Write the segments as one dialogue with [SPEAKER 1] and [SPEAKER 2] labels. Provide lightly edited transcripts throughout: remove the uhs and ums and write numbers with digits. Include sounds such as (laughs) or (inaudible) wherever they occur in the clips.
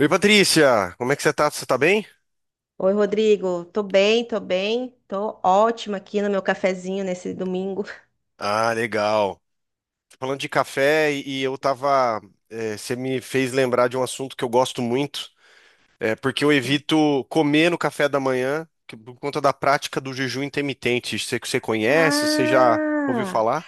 [SPEAKER 1] Oi, Patrícia, como é que você tá? Você tá bem?
[SPEAKER 2] Oi, Rodrigo. Tô bem, tô bem. Tô ótima aqui no meu cafezinho nesse domingo.
[SPEAKER 1] Ah, legal. Falando de café e eu tava. Você me fez lembrar de um assunto que eu gosto muito, porque eu evito comer no café da manhã por conta da prática do jejum intermitente. Você conhece? Você já ouviu
[SPEAKER 2] Ah!
[SPEAKER 1] falar?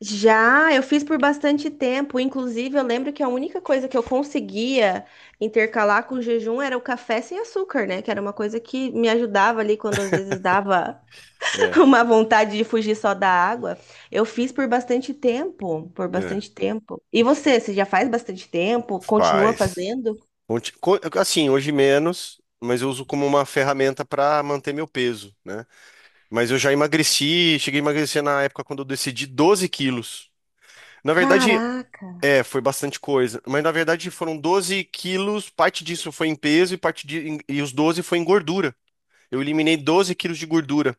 [SPEAKER 2] Já, eu fiz por bastante tempo. Inclusive, eu lembro que a única coisa que eu conseguia intercalar com o jejum era o café sem açúcar, né? Que era uma coisa que me ajudava ali quando às vezes dava (laughs)
[SPEAKER 1] É.
[SPEAKER 2] uma vontade de fugir só da água. Eu fiz por bastante tempo, por
[SPEAKER 1] É.
[SPEAKER 2] bastante tempo. E você já faz bastante tempo? Continua
[SPEAKER 1] Faz.
[SPEAKER 2] fazendo?
[SPEAKER 1] Assim, hoje menos, mas eu uso como uma ferramenta para manter meu peso, né? Mas eu já emagreci, cheguei a emagrecer na época quando eu decidi 12 quilos. Na verdade,
[SPEAKER 2] Caraca,
[SPEAKER 1] é, foi bastante coisa. Mas na verdade foram 12 quilos, parte disso foi em peso e parte de, em- e os 12 foi em gordura. Eu eliminei 12 quilos de gordura.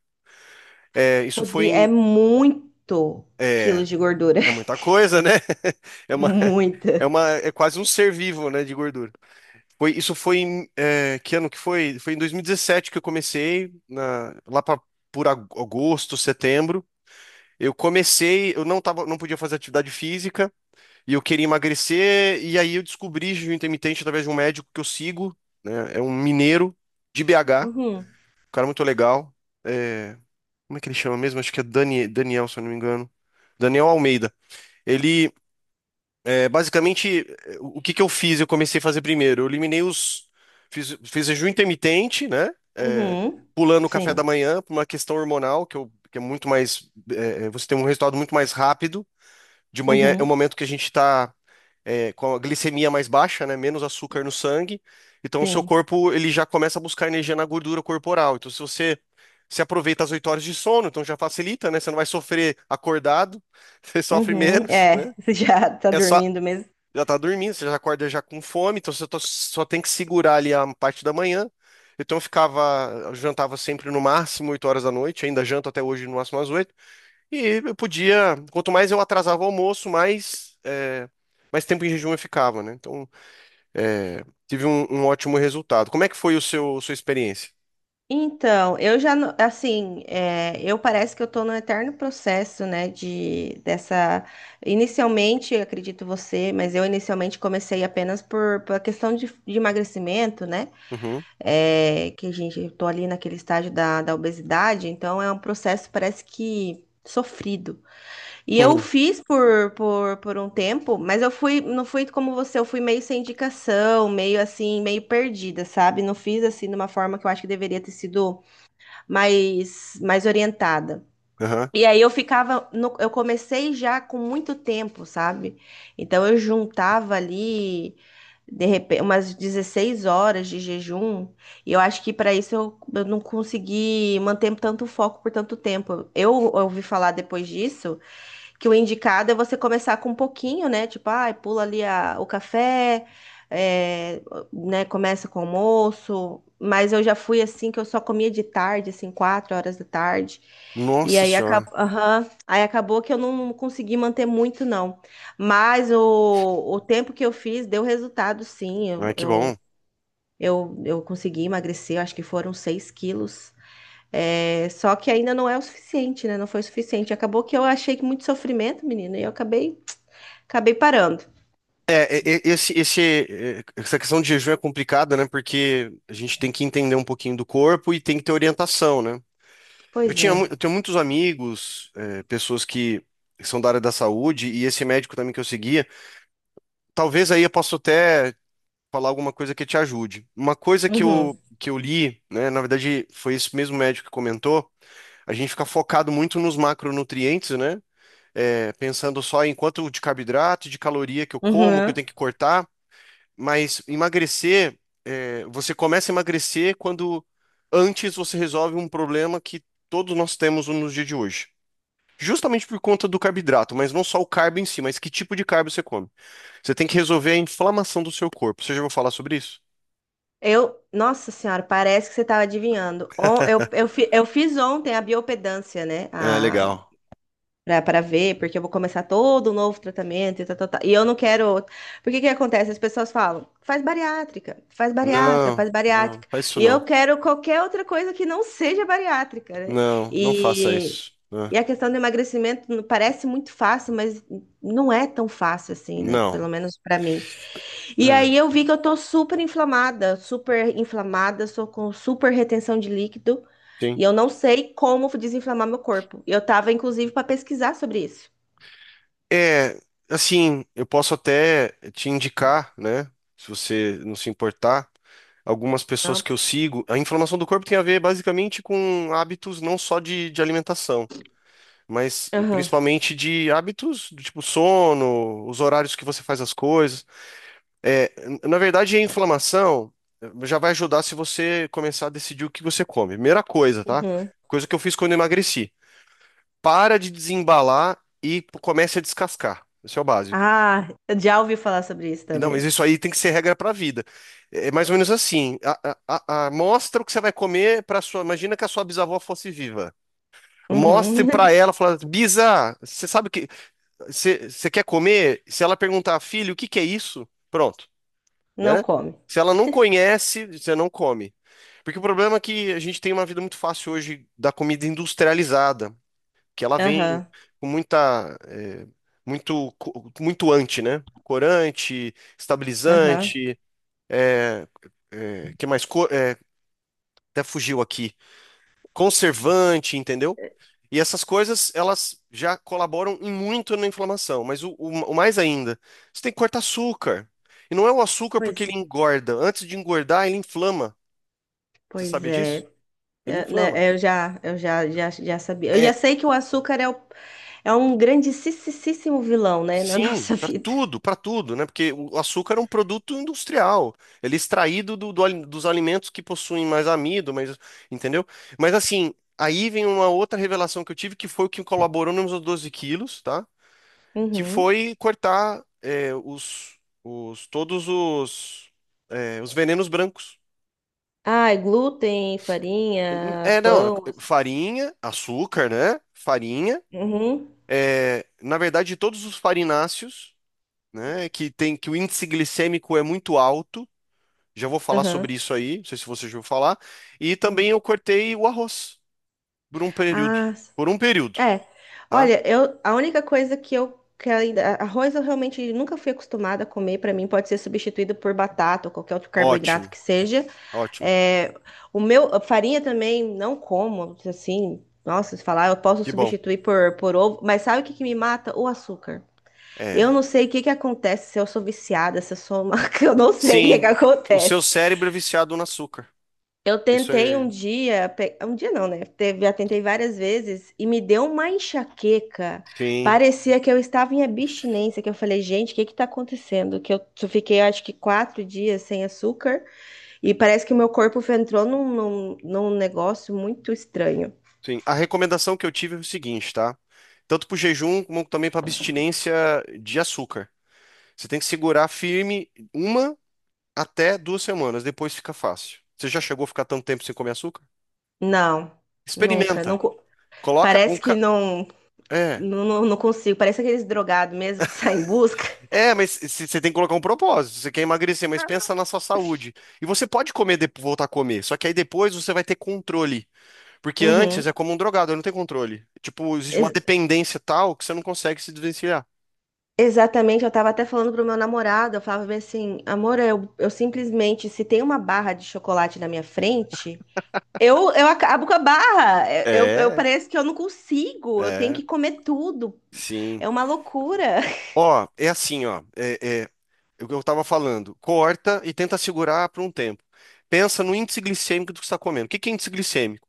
[SPEAKER 1] É, isso foi
[SPEAKER 2] Rodrigo, é
[SPEAKER 1] em.
[SPEAKER 2] muito
[SPEAKER 1] É,
[SPEAKER 2] quilos de gordura.
[SPEAKER 1] é
[SPEAKER 2] (laughs)
[SPEAKER 1] muita coisa, né? (laughs) É uma,
[SPEAKER 2] Muita.
[SPEAKER 1] é uma, é quase um ser vivo, né, de gordura. Foi, isso foi em. Que ano que foi? Foi em 2017 que eu comecei, lá pra, por agosto, setembro. Eu comecei, eu não tava, não podia fazer atividade física e eu queria emagrecer, e aí eu descobri jejum intermitente através de um médico que eu sigo, né? É um mineiro de BH,
[SPEAKER 2] Uhum,
[SPEAKER 1] um cara muito legal. É, como é que ele chama mesmo? Acho que é Daniel, se eu não me engano. Daniel Almeida. Ele, basicamente, o que que eu fiz? Eu comecei a fazer primeiro. Eu eliminei os. Fiz jejum intermitente, né? É,
[SPEAKER 2] uhum,
[SPEAKER 1] pulando o café
[SPEAKER 2] sim,
[SPEAKER 1] da manhã, por uma questão hormonal, que é muito mais. Você tem um resultado muito mais rápido de manhã. É o
[SPEAKER 2] uhum,
[SPEAKER 1] momento que a gente está com a glicemia mais baixa, né? Menos açúcar no sangue. Então, o seu
[SPEAKER 2] sim,
[SPEAKER 1] corpo ele já começa a buscar energia na gordura corporal. Então, se aproveita as 8 horas de sono, então já facilita, né? Você não vai sofrer acordado, (laughs) você sofre
[SPEAKER 2] uhum.
[SPEAKER 1] menos,
[SPEAKER 2] É,
[SPEAKER 1] né?
[SPEAKER 2] (laughs) você já tá
[SPEAKER 1] É só
[SPEAKER 2] dormindo mesmo.
[SPEAKER 1] já tá dormindo, você já acorda já com fome, então só tem que segurar ali a parte da manhã. Então, eu ficava, eu jantava sempre no máximo 8 horas da noite, ainda janto até hoje no máximo às 8. E eu podia, quanto mais eu atrasava o almoço, mais tempo em jejum eu ficava, né? Então, tive um ótimo resultado. Como é que foi o seu, sua experiência?
[SPEAKER 2] Então, eu já, não- assim, eu parece que eu tô no eterno processo, né, inicialmente, eu acredito você, mas eu inicialmente comecei apenas por questão de emagrecimento, né,
[SPEAKER 1] Uhum.
[SPEAKER 2] é, que, gente, eu tô ali naquele estágio da obesidade, então é um processo, parece que, sofrido. E eu
[SPEAKER 1] Uhum.
[SPEAKER 2] fiz por um tempo, mas eu fui, não fui como você, eu fui meio sem indicação, meio assim, meio perdida, sabe? Não fiz assim de uma forma que eu acho que deveria ter sido mais, mais orientada.
[SPEAKER 1] Aham.
[SPEAKER 2] E aí eu ficava, eu comecei já com muito tempo, sabe? Então eu juntava ali de repente umas 16 horas de jejum, e eu acho que para isso eu não consegui manter tanto foco por tanto tempo. Eu ouvi falar depois disso que o indicado é você começar com um pouquinho, né? Tipo, ai, pula ali o café, é, né? Começa com o almoço. Mas eu já fui assim que eu só comia de tarde, assim, 4 horas da tarde. E
[SPEAKER 1] Nossa
[SPEAKER 2] aí,
[SPEAKER 1] senhora.
[SPEAKER 2] aham. Aí acabou que eu não consegui manter muito, não. Mas o tempo que eu fiz deu resultado, sim.
[SPEAKER 1] Ai,
[SPEAKER 2] Eu,
[SPEAKER 1] que bom.
[SPEAKER 2] eu, eu, eu consegui emagrecer, acho que foram 6 quilos. É, só que ainda não é o suficiente, né? Não foi o suficiente. Acabou que eu achei que muito sofrimento, menino, e eu acabei parando.
[SPEAKER 1] Esse, essa questão de jejum é complicada, né? Porque a gente tem que entender um pouquinho do corpo e tem que ter orientação, né?
[SPEAKER 2] Pois é.
[SPEAKER 1] Eu tenho muitos amigos, é, pessoas que são da área da saúde, e esse médico também que eu seguia, talvez aí eu possa até falar alguma coisa que te ajude. Uma coisa que
[SPEAKER 2] Uhum.
[SPEAKER 1] eu, que eu li, né, na verdade foi esse mesmo médico que comentou, a gente fica focado muito nos macronutrientes, né? Pensando só em quanto de carboidrato, de caloria que eu como, que eu
[SPEAKER 2] Uhum.
[SPEAKER 1] tenho que cortar, mas emagrecer, você começa a emagrecer quando antes você resolve um problema que todos nós temos nos dias de hoje. Justamente por conta do carboidrato, mas não só o carbo em si, mas que tipo de carbo você come. Você tem que resolver a inflamação do seu corpo. Você já ouviu falar sobre isso?
[SPEAKER 2] Eu, nossa senhora, parece que você estava adivinhando. Eu fiz ontem a biopedância, né?
[SPEAKER 1] É,
[SPEAKER 2] A
[SPEAKER 1] legal.
[SPEAKER 2] Pra, pra ver, porque eu vou começar todo um novo tratamento e tal, tal, tal. E eu não quero. Porque que acontece? As pessoas falam, faz bariátrica, faz bariátrica,
[SPEAKER 1] Não,
[SPEAKER 2] faz
[SPEAKER 1] não,
[SPEAKER 2] bariátrica.
[SPEAKER 1] faz isso
[SPEAKER 2] E
[SPEAKER 1] não.
[SPEAKER 2] eu quero qualquer outra coisa que não seja bariátrica, né?
[SPEAKER 1] Não, não faça
[SPEAKER 2] E,
[SPEAKER 1] isso. Né?
[SPEAKER 2] e a questão do emagrecimento parece muito fácil, mas não é tão fácil assim, né?
[SPEAKER 1] Não.
[SPEAKER 2] Pelo menos pra mim. E aí
[SPEAKER 1] É,
[SPEAKER 2] eu vi que eu tô super inflamada, sou com super retenção de líquido e
[SPEAKER 1] sim.
[SPEAKER 2] eu não sei como desinflamar meu corpo. Eu tava inclusive para pesquisar sobre isso.
[SPEAKER 1] É, assim, eu posso até te indicar, né? Se você não se importar, algumas pessoas
[SPEAKER 2] Ah,
[SPEAKER 1] que eu sigo. A inflamação do corpo tem a ver basicamente com hábitos não só de alimentação, mas
[SPEAKER 2] aham.
[SPEAKER 1] principalmente de hábitos do tipo sono, os horários que você faz as coisas. É, na verdade, a inflamação já vai ajudar se você começar a decidir o que você come. Primeira coisa, tá?
[SPEAKER 2] Uhum.
[SPEAKER 1] Coisa que eu fiz quando eu emagreci. Para de desembalar e comece a descascar. Esse é o básico.
[SPEAKER 2] Ah, eu já ouvi falar sobre isso
[SPEAKER 1] E não, mas
[SPEAKER 2] também.
[SPEAKER 1] isso aí tem que ser regra para a vida. É é mais ou menos assim. Mostra o que você vai comer para sua. Imagina que a sua bisavó fosse viva. Mostre
[SPEAKER 2] Uhum.
[SPEAKER 1] para
[SPEAKER 2] (laughs)
[SPEAKER 1] ela, fala, Bisa, você sabe o que você quer comer? Se ela perguntar, filho, o que que é isso? Pronto.
[SPEAKER 2] Não
[SPEAKER 1] Né?
[SPEAKER 2] come.
[SPEAKER 1] Se ela não conhece, você não come. Porque o problema é que a gente tem uma vida muito fácil hoje da comida industrializada, que ela vem
[SPEAKER 2] Aham.
[SPEAKER 1] com muito, muito anti né? Corante,
[SPEAKER 2] Aham.
[SPEAKER 1] estabilizante, é, que mais? Até fugiu aqui. Conservante, entendeu? E essas coisas, elas já colaboram em muito na inflamação, mas o mais ainda, você tem que cortar açúcar. E não é o açúcar porque
[SPEAKER 2] Pois
[SPEAKER 1] ele
[SPEAKER 2] é.
[SPEAKER 1] engorda. Antes de engordar, ele inflama. Você
[SPEAKER 2] Pois
[SPEAKER 1] sabia disso?
[SPEAKER 2] é.
[SPEAKER 1] Ele
[SPEAKER 2] É,
[SPEAKER 1] inflama.
[SPEAKER 2] né, eu já, já sabia. Eu já
[SPEAKER 1] É,
[SPEAKER 2] sei que o açúcar é um grandissíssimo vilão, né, (laughs) na
[SPEAKER 1] sim,
[SPEAKER 2] nossa vida.
[SPEAKER 1] para tudo, né? Porque o açúcar é um produto industrial. Ele é extraído dos alimentos que possuem mais amido, mas, entendeu? Mas assim, aí vem uma outra revelação que eu tive, que foi o que colaborou nos meus 12 quilos, tá? Que
[SPEAKER 2] Uhum.
[SPEAKER 1] foi cortar é, os todos os os venenos brancos.
[SPEAKER 2] Ah, glúten, farinha,
[SPEAKER 1] É, não, é
[SPEAKER 2] pão. Assim.
[SPEAKER 1] farinha, açúcar, né? Farinha.
[SPEAKER 2] Uhum.
[SPEAKER 1] É, na verdade, todos os farináceos, né? Que o índice glicêmico é muito alto. Já vou falar
[SPEAKER 2] Aham.
[SPEAKER 1] sobre isso aí. Não sei se você já ouviu falar. E
[SPEAKER 2] Uhum.
[SPEAKER 1] também eu cortei o arroz por um período.
[SPEAKER 2] Ah,
[SPEAKER 1] Por um período,
[SPEAKER 2] é.
[SPEAKER 1] tá?
[SPEAKER 2] Olha, eu, a única coisa que eu que ainda, arroz eu realmente nunca fui acostumada a comer. Para mim pode ser substituído por batata ou qualquer outro carboidrato
[SPEAKER 1] Ótimo,
[SPEAKER 2] que seja.
[SPEAKER 1] ótimo.
[SPEAKER 2] É, o meu, a farinha também não como, assim, nossa, se falar, eu posso
[SPEAKER 1] Que bom.
[SPEAKER 2] substituir por ovo, mas sabe o que que me mata? O açúcar. Eu
[SPEAKER 1] É.
[SPEAKER 2] não sei o que que acontece, se eu sou viciada, se eu sou uma... (laughs) Eu não sei o que que
[SPEAKER 1] Sim, o seu
[SPEAKER 2] acontece.
[SPEAKER 1] cérebro é viciado no açúcar.
[SPEAKER 2] Eu
[SPEAKER 1] Isso
[SPEAKER 2] tentei um
[SPEAKER 1] é
[SPEAKER 2] dia, um dia não, né? Teve, já tentei várias vezes e me deu uma enxaqueca.
[SPEAKER 1] sim,
[SPEAKER 2] Parecia que eu estava em abstinência, que eu falei, gente, o que que tá acontecendo? Que eu só fiquei, acho que 4 dias sem açúcar e parece que o meu corpo entrou num negócio muito estranho.
[SPEAKER 1] sim. A recomendação que eu tive é o seguinte, tá? Tanto para o jejum como também para abstinência de açúcar. Você tem que segurar firme uma até duas semanas, depois fica fácil. Você já chegou a ficar tanto tempo sem comer açúcar?
[SPEAKER 2] Não, nunca, não,
[SPEAKER 1] Experimenta. Coloca um.
[SPEAKER 2] parece que
[SPEAKER 1] Ca...
[SPEAKER 2] não,
[SPEAKER 1] É.
[SPEAKER 2] não, não não consigo. Parece aqueles drogados mesmo que (laughs) saem em busca.
[SPEAKER 1] É, mas você tem que colocar um propósito. Você quer emagrecer, mas pensa na sua saúde. E você pode comer, voltar a comer. Só que aí depois você vai ter controle. Porque antes
[SPEAKER 2] Uhum.
[SPEAKER 1] é como um drogado, não tem controle. Tipo, existe uma
[SPEAKER 2] Ex-
[SPEAKER 1] dependência tal que você não consegue se desvencilhar.
[SPEAKER 2] Exatamente, eu tava até falando pro meu namorado, eu falava bem assim, amor, eu simplesmente, se tem uma barra de chocolate na minha frente, eu acabo com a barra,
[SPEAKER 1] É.
[SPEAKER 2] parece que eu não consigo, eu tenho
[SPEAKER 1] É,
[SPEAKER 2] que comer tudo,
[SPEAKER 1] sim.
[SPEAKER 2] é uma loucura. (laughs)
[SPEAKER 1] Ó, é assim, ó. É o que eu tava falando. Corta e tenta segurar por um tempo. Pensa no índice glicêmico do que você está comendo. O que que é índice glicêmico?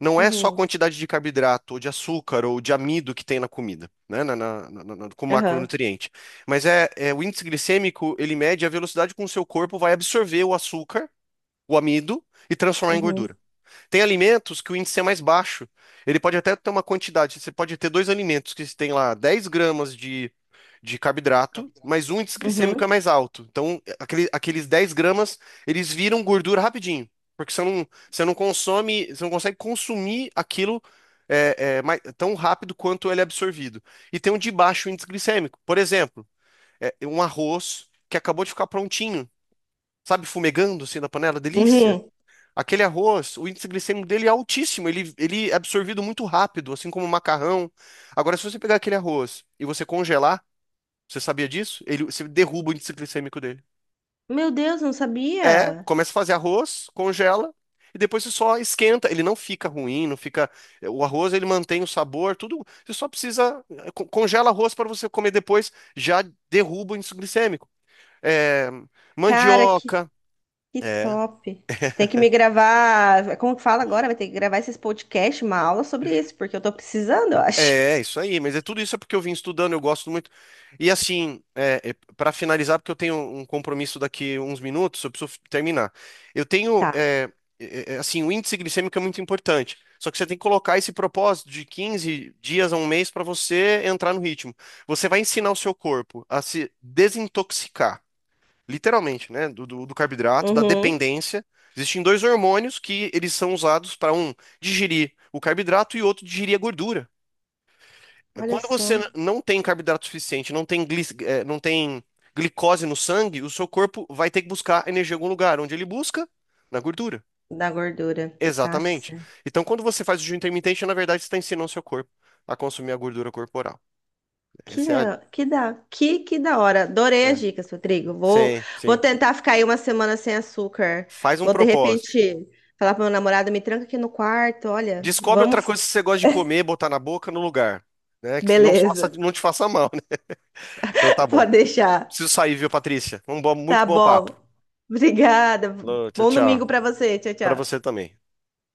[SPEAKER 1] Não é só a
[SPEAKER 2] Uhum,
[SPEAKER 1] quantidade de carboidrato, ou de açúcar, ou de amido que tem na comida, né? Como
[SPEAKER 2] aham,
[SPEAKER 1] macronutriente. Mas é o índice glicêmico, ele mede a velocidade com que o seu corpo vai absorver o açúcar, o amido, e transformar em
[SPEAKER 2] uhum,
[SPEAKER 1] gordura. Tem alimentos que o índice é mais baixo. Ele pode até ter uma quantidade. Você pode ter dois alimentos que tem lá 10 gramas de carboidrato, mas o índice glicêmico é
[SPEAKER 2] uhum,
[SPEAKER 1] mais alto. Então, aqueles 10 gramas, eles viram gordura rapidinho. Porque você não consome, você não consegue consumir aquilo tão rápido quanto ele é absorvido. E tem um de baixo índice glicêmico. Por exemplo, um arroz que acabou de ficar prontinho, sabe, fumegando assim na panela, delícia.
[SPEAKER 2] uhum.
[SPEAKER 1] Aquele arroz, o índice glicêmico dele é altíssimo, ele é absorvido muito rápido, assim como o macarrão. Agora, se você pegar aquele arroz e você congelar, você sabia disso? Você derruba o índice glicêmico dele.
[SPEAKER 2] Meu Deus, eu não
[SPEAKER 1] É,
[SPEAKER 2] sabia?
[SPEAKER 1] começa a fazer arroz, congela, e depois você só esquenta. Ele não fica ruim, não fica. O arroz, ele mantém o sabor, tudo. Você só precisa. Congela arroz para você comer depois, já derruba o índice glicêmico. É,
[SPEAKER 2] Cara, que,
[SPEAKER 1] mandioca.
[SPEAKER 2] que
[SPEAKER 1] É
[SPEAKER 2] top. Tem que me gravar, como que fala agora? Vai ter que gravar esses podcasts, uma aula sobre isso, porque eu tô precisando, eu acho.
[SPEAKER 1] é, é isso aí, mas tudo isso é porque eu vim estudando, eu gosto muito. E assim, é, para finalizar, porque eu tenho um compromisso daqui uns minutos, eu preciso terminar. Eu tenho,
[SPEAKER 2] Tá.
[SPEAKER 1] é, é, é, assim, o índice glicêmico é muito importante. Só que você tem que colocar esse propósito de 15 dias a um mês para você entrar no ritmo. Você vai ensinar o seu corpo a se desintoxicar, literalmente, né, do carboidrato, da
[SPEAKER 2] Uhum.
[SPEAKER 1] dependência. Existem dois hormônios que eles são usados para um digerir o carboidrato e outro digerir a gordura.
[SPEAKER 2] Olha
[SPEAKER 1] Quando você
[SPEAKER 2] só,
[SPEAKER 1] não tem carboidrato suficiente, não tem glicose no sangue, o seu corpo vai ter que buscar energia em algum lugar. Onde ele busca? Na gordura.
[SPEAKER 2] da gordura. Tá,
[SPEAKER 1] Exatamente.
[SPEAKER 2] certo.
[SPEAKER 1] Então, quando você faz o jejum intermitente, na verdade, você está ensinando o seu corpo a consumir a gordura corporal.
[SPEAKER 2] Que
[SPEAKER 1] Essa
[SPEAKER 2] da, que da, que, que da hora.
[SPEAKER 1] é
[SPEAKER 2] Adorei as
[SPEAKER 1] é.
[SPEAKER 2] dicas, Rodrigo. Vou,
[SPEAKER 1] Sim,
[SPEAKER 2] vou
[SPEAKER 1] sim.
[SPEAKER 2] tentar ficar aí uma semana sem açúcar.
[SPEAKER 1] Faz um
[SPEAKER 2] Vou, de
[SPEAKER 1] propósito.
[SPEAKER 2] repente, falar pro meu namorado, me tranca aqui no quarto. Olha,
[SPEAKER 1] Descobre outra
[SPEAKER 2] vamos.
[SPEAKER 1] coisa que você gosta de comer, botar na boca, no lugar. Né? Que não
[SPEAKER 2] Beleza,
[SPEAKER 1] faça, não te faça mal, né? Então tá
[SPEAKER 2] (laughs)
[SPEAKER 1] bom.
[SPEAKER 2] pode deixar.
[SPEAKER 1] Preciso sair, viu, Patrícia? Um bom, muito
[SPEAKER 2] Tá
[SPEAKER 1] bom papo.
[SPEAKER 2] bom. Obrigada.
[SPEAKER 1] Alô, tchau,
[SPEAKER 2] Bom domingo
[SPEAKER 1] tchau.
[SPEAKER 2] pra você. Tchau,
[SPEAKER 1] Para
[SPEAKER 2] tchau.
[SPEAKER 1] você também.